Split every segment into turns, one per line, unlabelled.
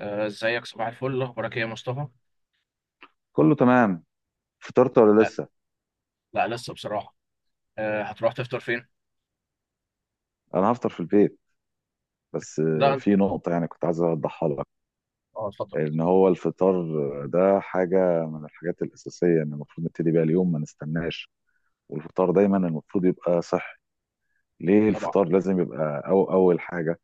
ازيك؟ صباح الفل، اخبارك ايه يا مصطفى؟
كله تمام. فطرت ولا
آه،
لسه؟
لا، لسه بصراحه. هتروح تفطر فين؟
انا هفطر في البيت. بس
لا
في نقطة يعني كنت عايز اوضحها لك.
اه، اتفضل.
ان هو الفطار ده حاجة من الحاجات الأساسية ان المفروض نبتدي بيها اليوم، ما نستناش. والفطار دايما المفروض يبقى صحي. ليه
طبعا.
الفطار لازم يبقى أو أول حاجة؟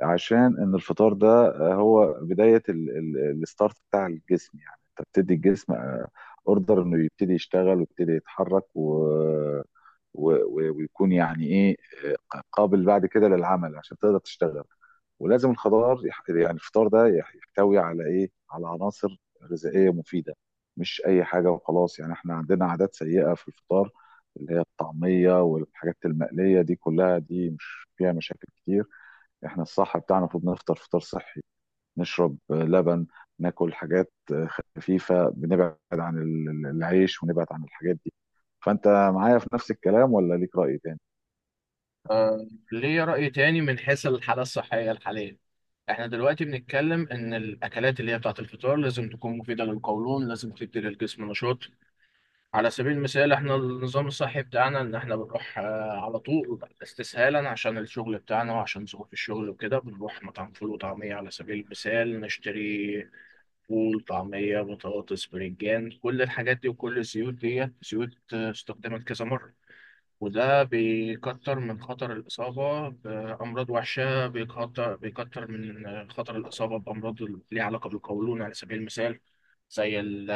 عشان ان الفطار ده هو بدايه الستارت بتاع الجسم. يعني انت بتدي الجسم اوردر انه يبتدي يشتغل ويبتدي يتحرك ويكون يعني ايه، قابل بعد كده للعمل عشان تقدر تشتغل. ولازم الخضار يعني الفطار ده يحتوي على ايه، على عناصر غذائيه مفيده. مش اي حاجه وخلاص. يعني احنا عندنا عادات سيئه في الفطار، اللي هي الطعميه والحاجات المقليه دي كلها، دي مش فيها مشاكل كتير. احنا الصح بتاعنا المفروض نفطر فطار صحي، نشرب لبن، ناكل حاجات خفيفة، بنبعد عن العيش ونبعد عن الحاجات دي. فانت معايا في نفس الكلام ولا ليك رأي تاني؟
ليه رأي تاني من حيث الحالة الصحية الحالية. احنا دلوقتي بنتكلم ان الاكلات اللي هي بتاعت الفطار لازم تكون مفيدة للقولون، لازم تدي للجسم نشاط. على سبيل المثال، احنا النظام الصحي بتاعنا ان احنا بنروح على طول استسهالا عشان الشغل بتاعنا وعشان ظروف الشغل وكده بنروح مطعم فول وطعمية. على سبيل المثال نشتري فول طعمية بطاطس بريجان، كل الحاجات دي وكل الزيوت دي زيوت استخدمت كذا مرة. وده بيكتر من خطر الإصابة بأمراض وحشة، بيكتر من خطر الإصابة بأمراض ليها علاقة بالقولون على سبيل المثال. زي ال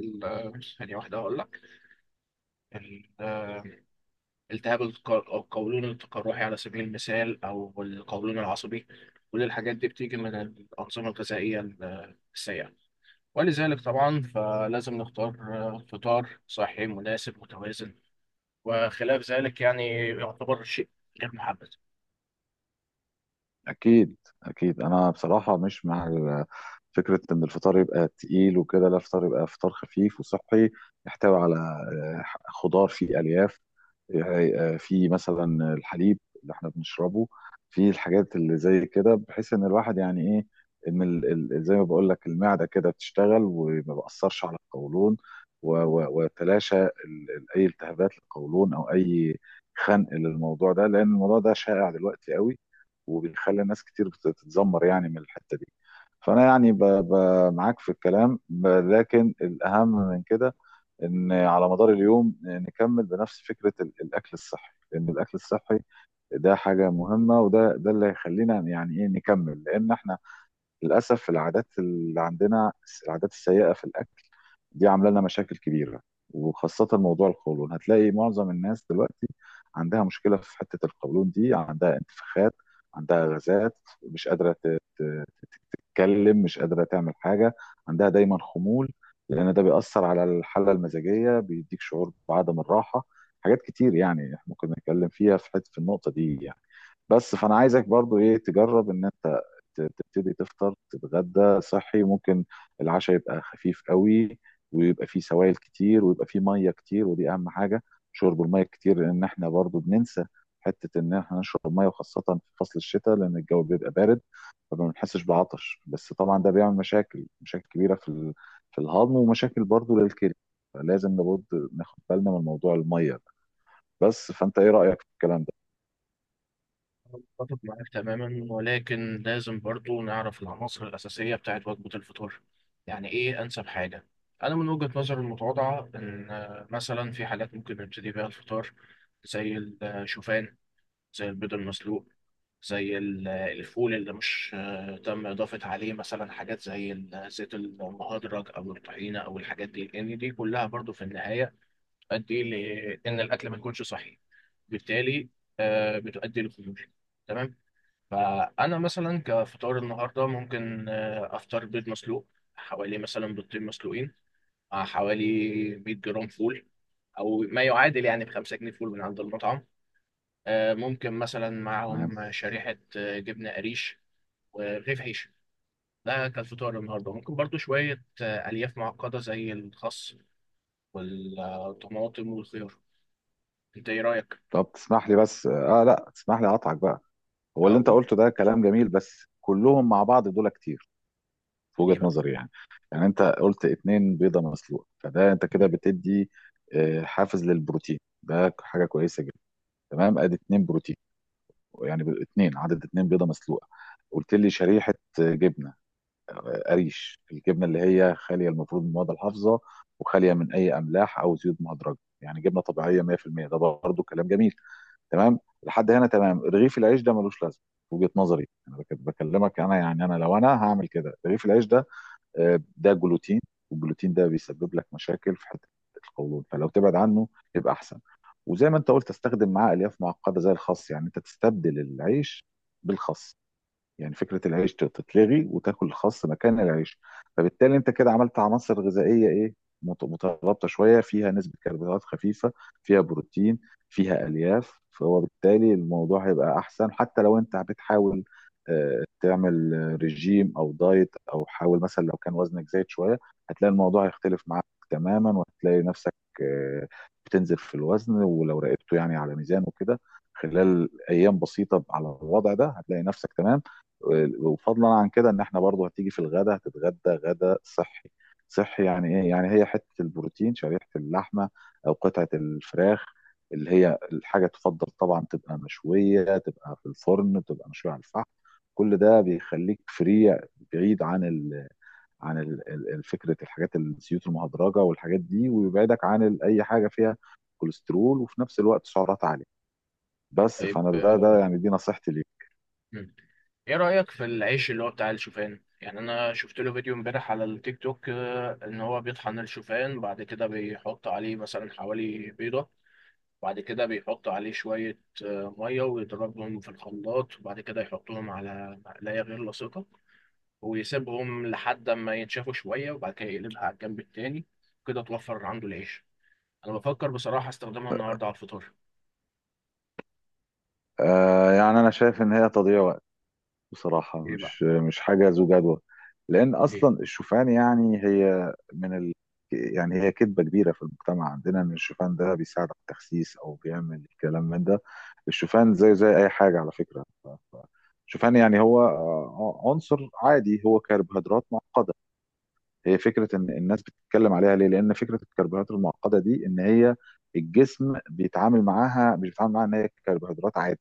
ثانية واحدة أقول لك. ال- آه، التهاب القولون التقرحي على سبيل المثال، أو القولون العصبي. كل الحاجات دي بتيجي من الأنظمة الغذائية السيئة. ولذلك طبعا فلازم نختار فطار صحي مناسب متوازن. وخلاف ذلك يعني يعتبر شيء غير محبذ.
اكيد، اكيد، انا بصراحة مش مع فكرة ان الفطار يبقى تقيل وكده. لا، الفطار يبقى فطار خفيف وصحي، يحتوي على خضار فيه الياف. يعني في مثلا الحليب اللي احنا بنشربه، في الحاجات اللي زي كده، بحيث ان الواحد يعني ايه، ان ال زي ما بقول لك المعده كده بتشتغل وما بأثرش على القولون ويتلاشى اي التهابات للقولون او اي خنق للموضوع ده، لان الموضوع ده شائع دلوقتي قوي وبيخلي ناس كتير بتتذمر يعني من الحته دي. فانا يعني معاك في الكلام، لكن الاهم من كده ان على مدار اليوم نكمل بنفس فكره الاكل الصحي، لان الاكل الصحي ده حاجه مهمه، وده اللي هيخلينا يعني ايه نكمل. لان احنا للأسف العادات اللي عندنا، العادات السيئة في الأكل، دي عاملة لنا مشاكل كبيرة، وخاصة موضوع القولون. هتلاقي معظم الناس دلوقتي عندها مشكلة في حتة القولون دي، عندها انتفاخات، عندها غازات، مش قادرة تتكلم، مش قادرة تعمل حاجة، عندها دايما خمول، لأن ده بيأثر على الحالة المزاجية، بيديك شعور بعدم الراحة. حاجات كتير يعني إحنا ممكن نتكلم فيها في حتة في النقطة دي يعني. بس فأنا عايزك برضو إيه تجرب إن أنت تبتدي تفطر تتغدى صحي. ممكن العشاء يبقى خفيف قوي، ويبقى فيه سوائل كتير، ويبقى فيه ميه كتير، ودي اهم حاجه. شرب الميه كتير، لان احنا برضو بننسى حته ان احنا نشرب ميه، وخاصه في فصل الشتاء لان الجو بيبقى بارد فما بنحسش بعطش. بس طبعا ده بيعمل مشاكل، مشاكل كبيره في في الهضم، ومشاكل برضو للكلى. فلازم لابد ناخد بالنا من موضوع الميه ده. بس فانت ايه رايك في الكلام ده؟
أتفق معاك تماما، ولكن لازم برضو نعرف العناصر الأساسية بتاعت وجبة الفطار. يعني إيه أنسب حاجة؟ أنا من وجهة نظري المتواضعة إن مثلا في حالات ممكن نبتدي بيها الفطار، زي الشوفان، زي البيض المسلوق، زي الفول اللي مش تم إضافة عليه مثلا حاجات زي زيت المهدرج أو الطحينة أو الحاجات دي، لأن دي كلها برضو في النهاية بتؤدي لأن الأكل ما يكونش صحي. بالتالي بتؤدي للخمول. تمام. فأنا مثلا كفطار النهاردة ممكن أفطر بيض مسلوق، حوالي مثلا بيضتين مسلوقين، مع حوالي 100 جرام فول، أو ما يعادل يعني بخمسة جنيه فول من عند المطعم. ممكن مثلا
تمام.
معاهم شريحة جبنة قريش ورغيف عيش. ده كان فطار النهاردة. ممكن برضو شوية ألياف معقدة زي الخس والطماطم والخيار. أنت إيه رأيك؟
طب تسمح لي بس، اه لا تسمح لي اقطعك بقى. هو اللي انت
أقول.
قلته ده كلام جميل، بس كلهم مع بعض دول كتير في
ليه
وجهة
بقى؟
نظري يعني. يعني انت قلت اتنين بيضة مسلوقة، فده انت
مم.
كده بتدي حافز للبروتين. ده حاجة كويسة جدا، تمام، ادي اتنين بروتين. يعني اتنين، عدد اتنين بيضة مسلوقة. قلت لي شريحة جبنة قريش، الجبنة اللي هي خالية المفروض من المواد الحافظة وخالية من اي املاح او زيوت مهدرجة، يعني جبنة طبيعية 100%. ده برضو كلام جميل، تمام، لحد هنا تمام. رغيف العيش ده ملوش لازمه في وجهه نظري، انا بكلمك. انا يعني انا لو انا هعمل كده، رغيف العيش ده ده جلوتين، والجلوتين ده بيسبب لك مشاكل في حته القولون، فلو تبعد عنه يبقى احسن. وزي ما انت قلت استخدم معاه الياف معقده زي الخس، يعني انت تستبدل العيش بالخس. يعني فكرة العيش تتلغي وتاكل الخس مكان العيش. فبالتالي انت كده عملت عناصر غذائية ايه، مترابطة شوية، فيها نسبة كربوهيدرات خفيفة، فيها بروتين، فيها ألياف. فهو بالتالي الموضوع هيبقى أحسن، حتى لو انت بتحاول تعمل رجيم أو دايت، أو حاول مثلا لو كان وزنك زايد شوية هتلاقي الموضوع هيختلف معاك تماما، وهتلاقي نفسك آه، بتنزل في الوزن. ولو راقبته يعني على ميزان وكده خلال أيام بسيطة على الوضع ده هتلاقي نفسك تمام. وفضلا عن كده ان احنا برضو هتيجي في الغدا، هتتغدى غدا صحي. صحي يعني ايه، يعني هي حته البروتين، شريحه اللحمه او قطعه الفراخ، اللي هي الحاجه تفضل طبعا تبقى مشويه، تبقى في الفرن، تبقى مشويه على الفحم. كل ده بيخليك فري، بعيد عن ال عن فكره الحاجات الزيوت المهدرجه والحاجات دي، ويبعدك عن اي حاجه فيها كوليسترول، وفي نفس الوقت سعرات عاليه. بس
طيب،
فانا ده يعني دي نصيحتي ليك.
مم. إيه رأيك في العيش اللي هو بتاع الشوفان؟ يعني أنا شفت له فيديو امبارح على التيك توك، إن هو بيطحن الشوفان بعد كده بيحط عليه مثلا حوالي بيضة. بعد كده بيحطوا عليه شوية مية ويضربهم في الخلاط، وبعد كده يحطوهم على مقلاية غير لاصقة، ويسيبهم لحد ما ينشفوا شوية وبعد كده يقلبها على الجنب التاني. كده توفر عنده العيش. أنا بفكر بصراحة استخدمها النهاردة على الفطار.
آه، يعني انا شايف ان هي تضييع وقت بصراحة.
إيه بقى؟
مش، مش حاجة ذو جدوى. لأن
ليه؟
أصلا الشوفان يعني هي من ال... يعني هي كذبة كبيرة في المجتمع عندنا إن الشوفان ده بيساعد على التخسيس أو بيعمل كلام من ده. الشوفان زيه زي أي حاجة على فكرة. الشوفان يعني هو عنصر عادي، هو كربوهيدرات معقدة. هي فكرة إن الناس بتتكلم عليها ليه؟ لأن فكرة الكربوهيدرات المعقدة دي إن هي الجسم بيتعامل معاها، مش بيتعامل معاها إن هي كربوهيدرات عادي،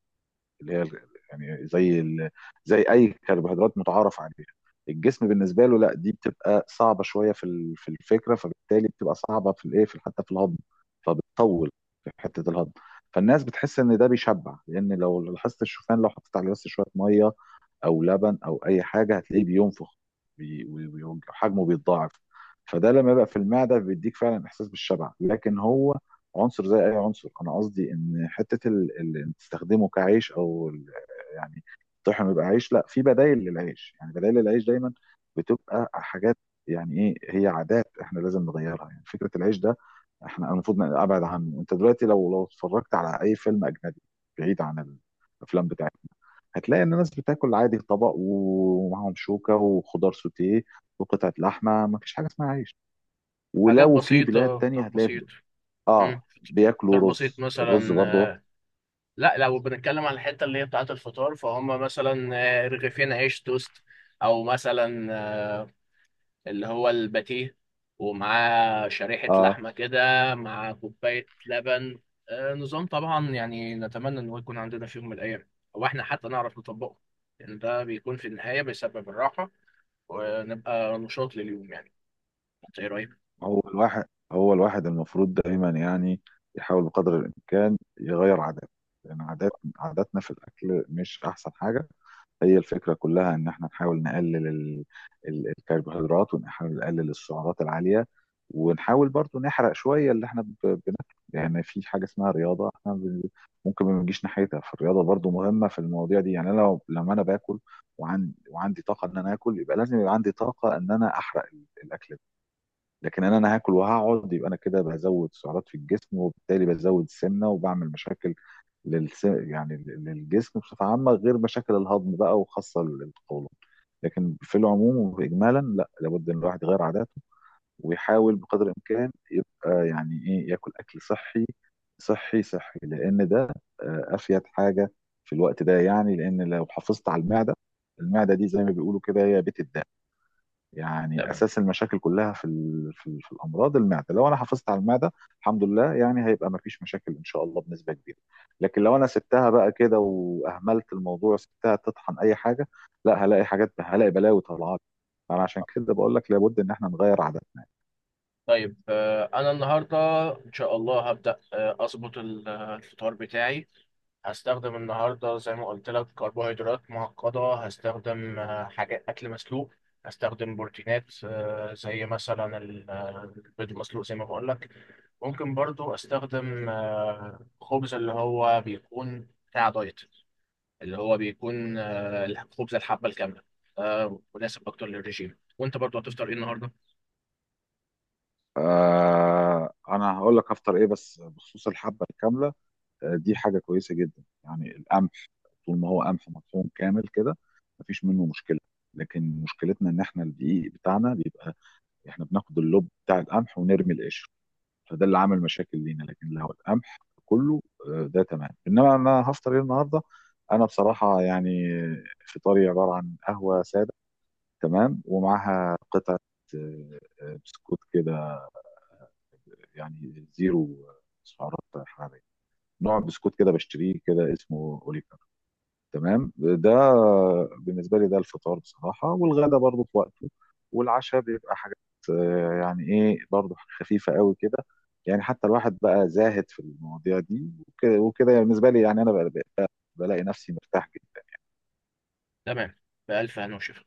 اللي هي يعني زي ال... زي اي كربوهيدرات متعارف عليها. الجسم بالنسبه له لا، دي بتبقى صعبه شويه في في الفكره، فبالتالي بتبقى صعبه في الايه، في حتى في الهضم، فبتطول في حته الهضم. فالناس بتحس ان ده بيشبع، لان لو لاحظت الشوفان لو حطيت عليه بس شويه ميه او لبن او اي حاجه هتلاقيه بينفخ، وحجمه بيتضاعف. فده لما يبقى في المعده بيديك فعلا احساس بالشبع، لكن هو عنصر زي اي عنصر. انا قصدي ان حته إن تستخدمه كعيش او يعني الطحن يبقى عيش، لا، في بدايل للعيش. يعني بدايل للعيش دايما بتبقى حاجات يعني ايه، هي عادات احنا لازم نغيرها. يعني فكره العيش ده احنا المفروض ابعد عنه. انت دلوقتي لو اتفرجت على اي فيلم اجنبي، بعيد عن الافلام بتاعتنا، هتلاقي ان الناس بتاكل عادي، طبق ومعاهم شوكه وخضار سوتيه وقطعه لحمه، ما فيش حاجه اسمها عيش.
حاجات
ولو في بلاد
بسيطة، فطار
تانية هتلاقي
بسيط. مم.
اه بياكلوا
فطار بسيط
رز، الرز
مثلا.
برضه.
لا، لو بنتكلم على الحتة اللي هي بتاعة الفطار فهم مثلا رغيفين عيش توست، أو مثلا اللي هو الباتيه ومعاه شريحة
اه،
لحمة كده، مع كوباية لبن. نظام طبعا يعني نتمنى إن هو يكون عندنا في يوم من الأيام، أو إحنا حتى نعرف نطبقه، لأن ده بيكون في النهاية بيسبب الراحة، ونبقى نشاط لليوم يعني. أنت إيه رأيك؟
هو الواحد هو الواحد المفروض دايما يعني يحاول بقدر الامكان يغير عاداته، لان عاداتنا في الاكل مش احسن حاجه. هي الفكرة كلها إن إحنا نحاول نقلل الكربوهيدرات، ونحاول نقلل السعرات العالية، ونحاول برضو نحرق شوية اللي إحنا بناكله. يعني في حاجة اسمها رياضة، إحنا ممكن ما بنجيش ناحيتها. فالرياضة برضو مهمة في المواضيع دي. يعني أنا لو لما أنا باكل وعندي طاقة إن أنا آكل، يبقى لازم يبقى عندي طاقة إن أنا أحرق الأكل ده. لكن إن أنا هاكل وهقعد، يبقى أنا كده بزود سعرات في الجسم، وبالتالي بزود السمنة وبعمل مشاكل يعني للجسم بصفة عامة، غير مشاكل الهضم بقى وخاصة القولون. لكن في العموم وإجمالا لا، لابد إن الواحد يغير عاداته، ويحاول بقدر الإمكان يبقى يعني إيه ياكل أكل صحي. صحي، صحي، لأن ده أفيد حاجة في الوقت ده يعني. لأن لو حافظت على المعدة، المعدة دي زي ما بيقولوا كده هي بيت الدم. يعني
تمام.
اساس المشاكل كلها في في, في الامراض المعده. لو انا حافظت على المعده، الحمد لله يعني هيبقى ما فيش مشاكل ان شاء الله بنسبه كبيره. لكن لو انا سبتها بقى كده، واهملت الموضوع، سبتها تطحن اي حاجه، لا، هلاقي حاجات، هلاقي بلاوي طالعه لي. فانا عشان كده بقول لك لابد ان احنا نغير عاداتنا.
طيب، أنا النهاردة إن شاء الله هبدأ أظبط الفطار بتاعي. هستخدم النهارده زي ما قلت لك كربوهيدرات معقدة، هستخدم حاجات أكل مسلوق، هستخدم بروتينات زي مثلا البيض المسلوق زي ما بقول لك. ممكن برضو أستخدم خبز اللي هو بيكون بتاع دايت، اللي هو بيكون الخبز الحبة الكاملة، مناسب أكتر للرجيم. وأنت برضو هتفطر إيه النهارده؟
آه، انا هقول لك هفطر ايه، بس بخصوص الحبه الكامله دي حاجه كويسه جدا. يعني القمح طول ما هو قمح مطحون كامل كده مفيش منه مشكله. لكن مشكلتنا ان احنا الدقيق بتاعنا بيبقى احنا بناخد اللب بتاع القمح ونرمي القشر، فده اللي عمل مشاكل لينا. لكن لو القمح كله ده تمام. انما انا هفطر ايه النهارده؟ انا بصراحه يعني فطاري عباره عن قهوه ساده، تمام، ومعاها قطعه بسكوت كده، يعني زيرو سعرات حراريه. نوع بسكوت كده بشتريه، كده اسمه اوليكو، تمام. ده بالنسبه لي ده الفطار بصراحه. والغدا برضو في وقته، والعشاء بيبقى حاجات يعني ايه برضو خفيفه قوي كده. يعني حتى الواحد بقى زاهد في المواضيع دي وكده وكده، يعني بالنسبه لي، يعني انا بقى بقى- بلاقي نفسي مرتاح جدا.
تمام. بألف هنا وشفا.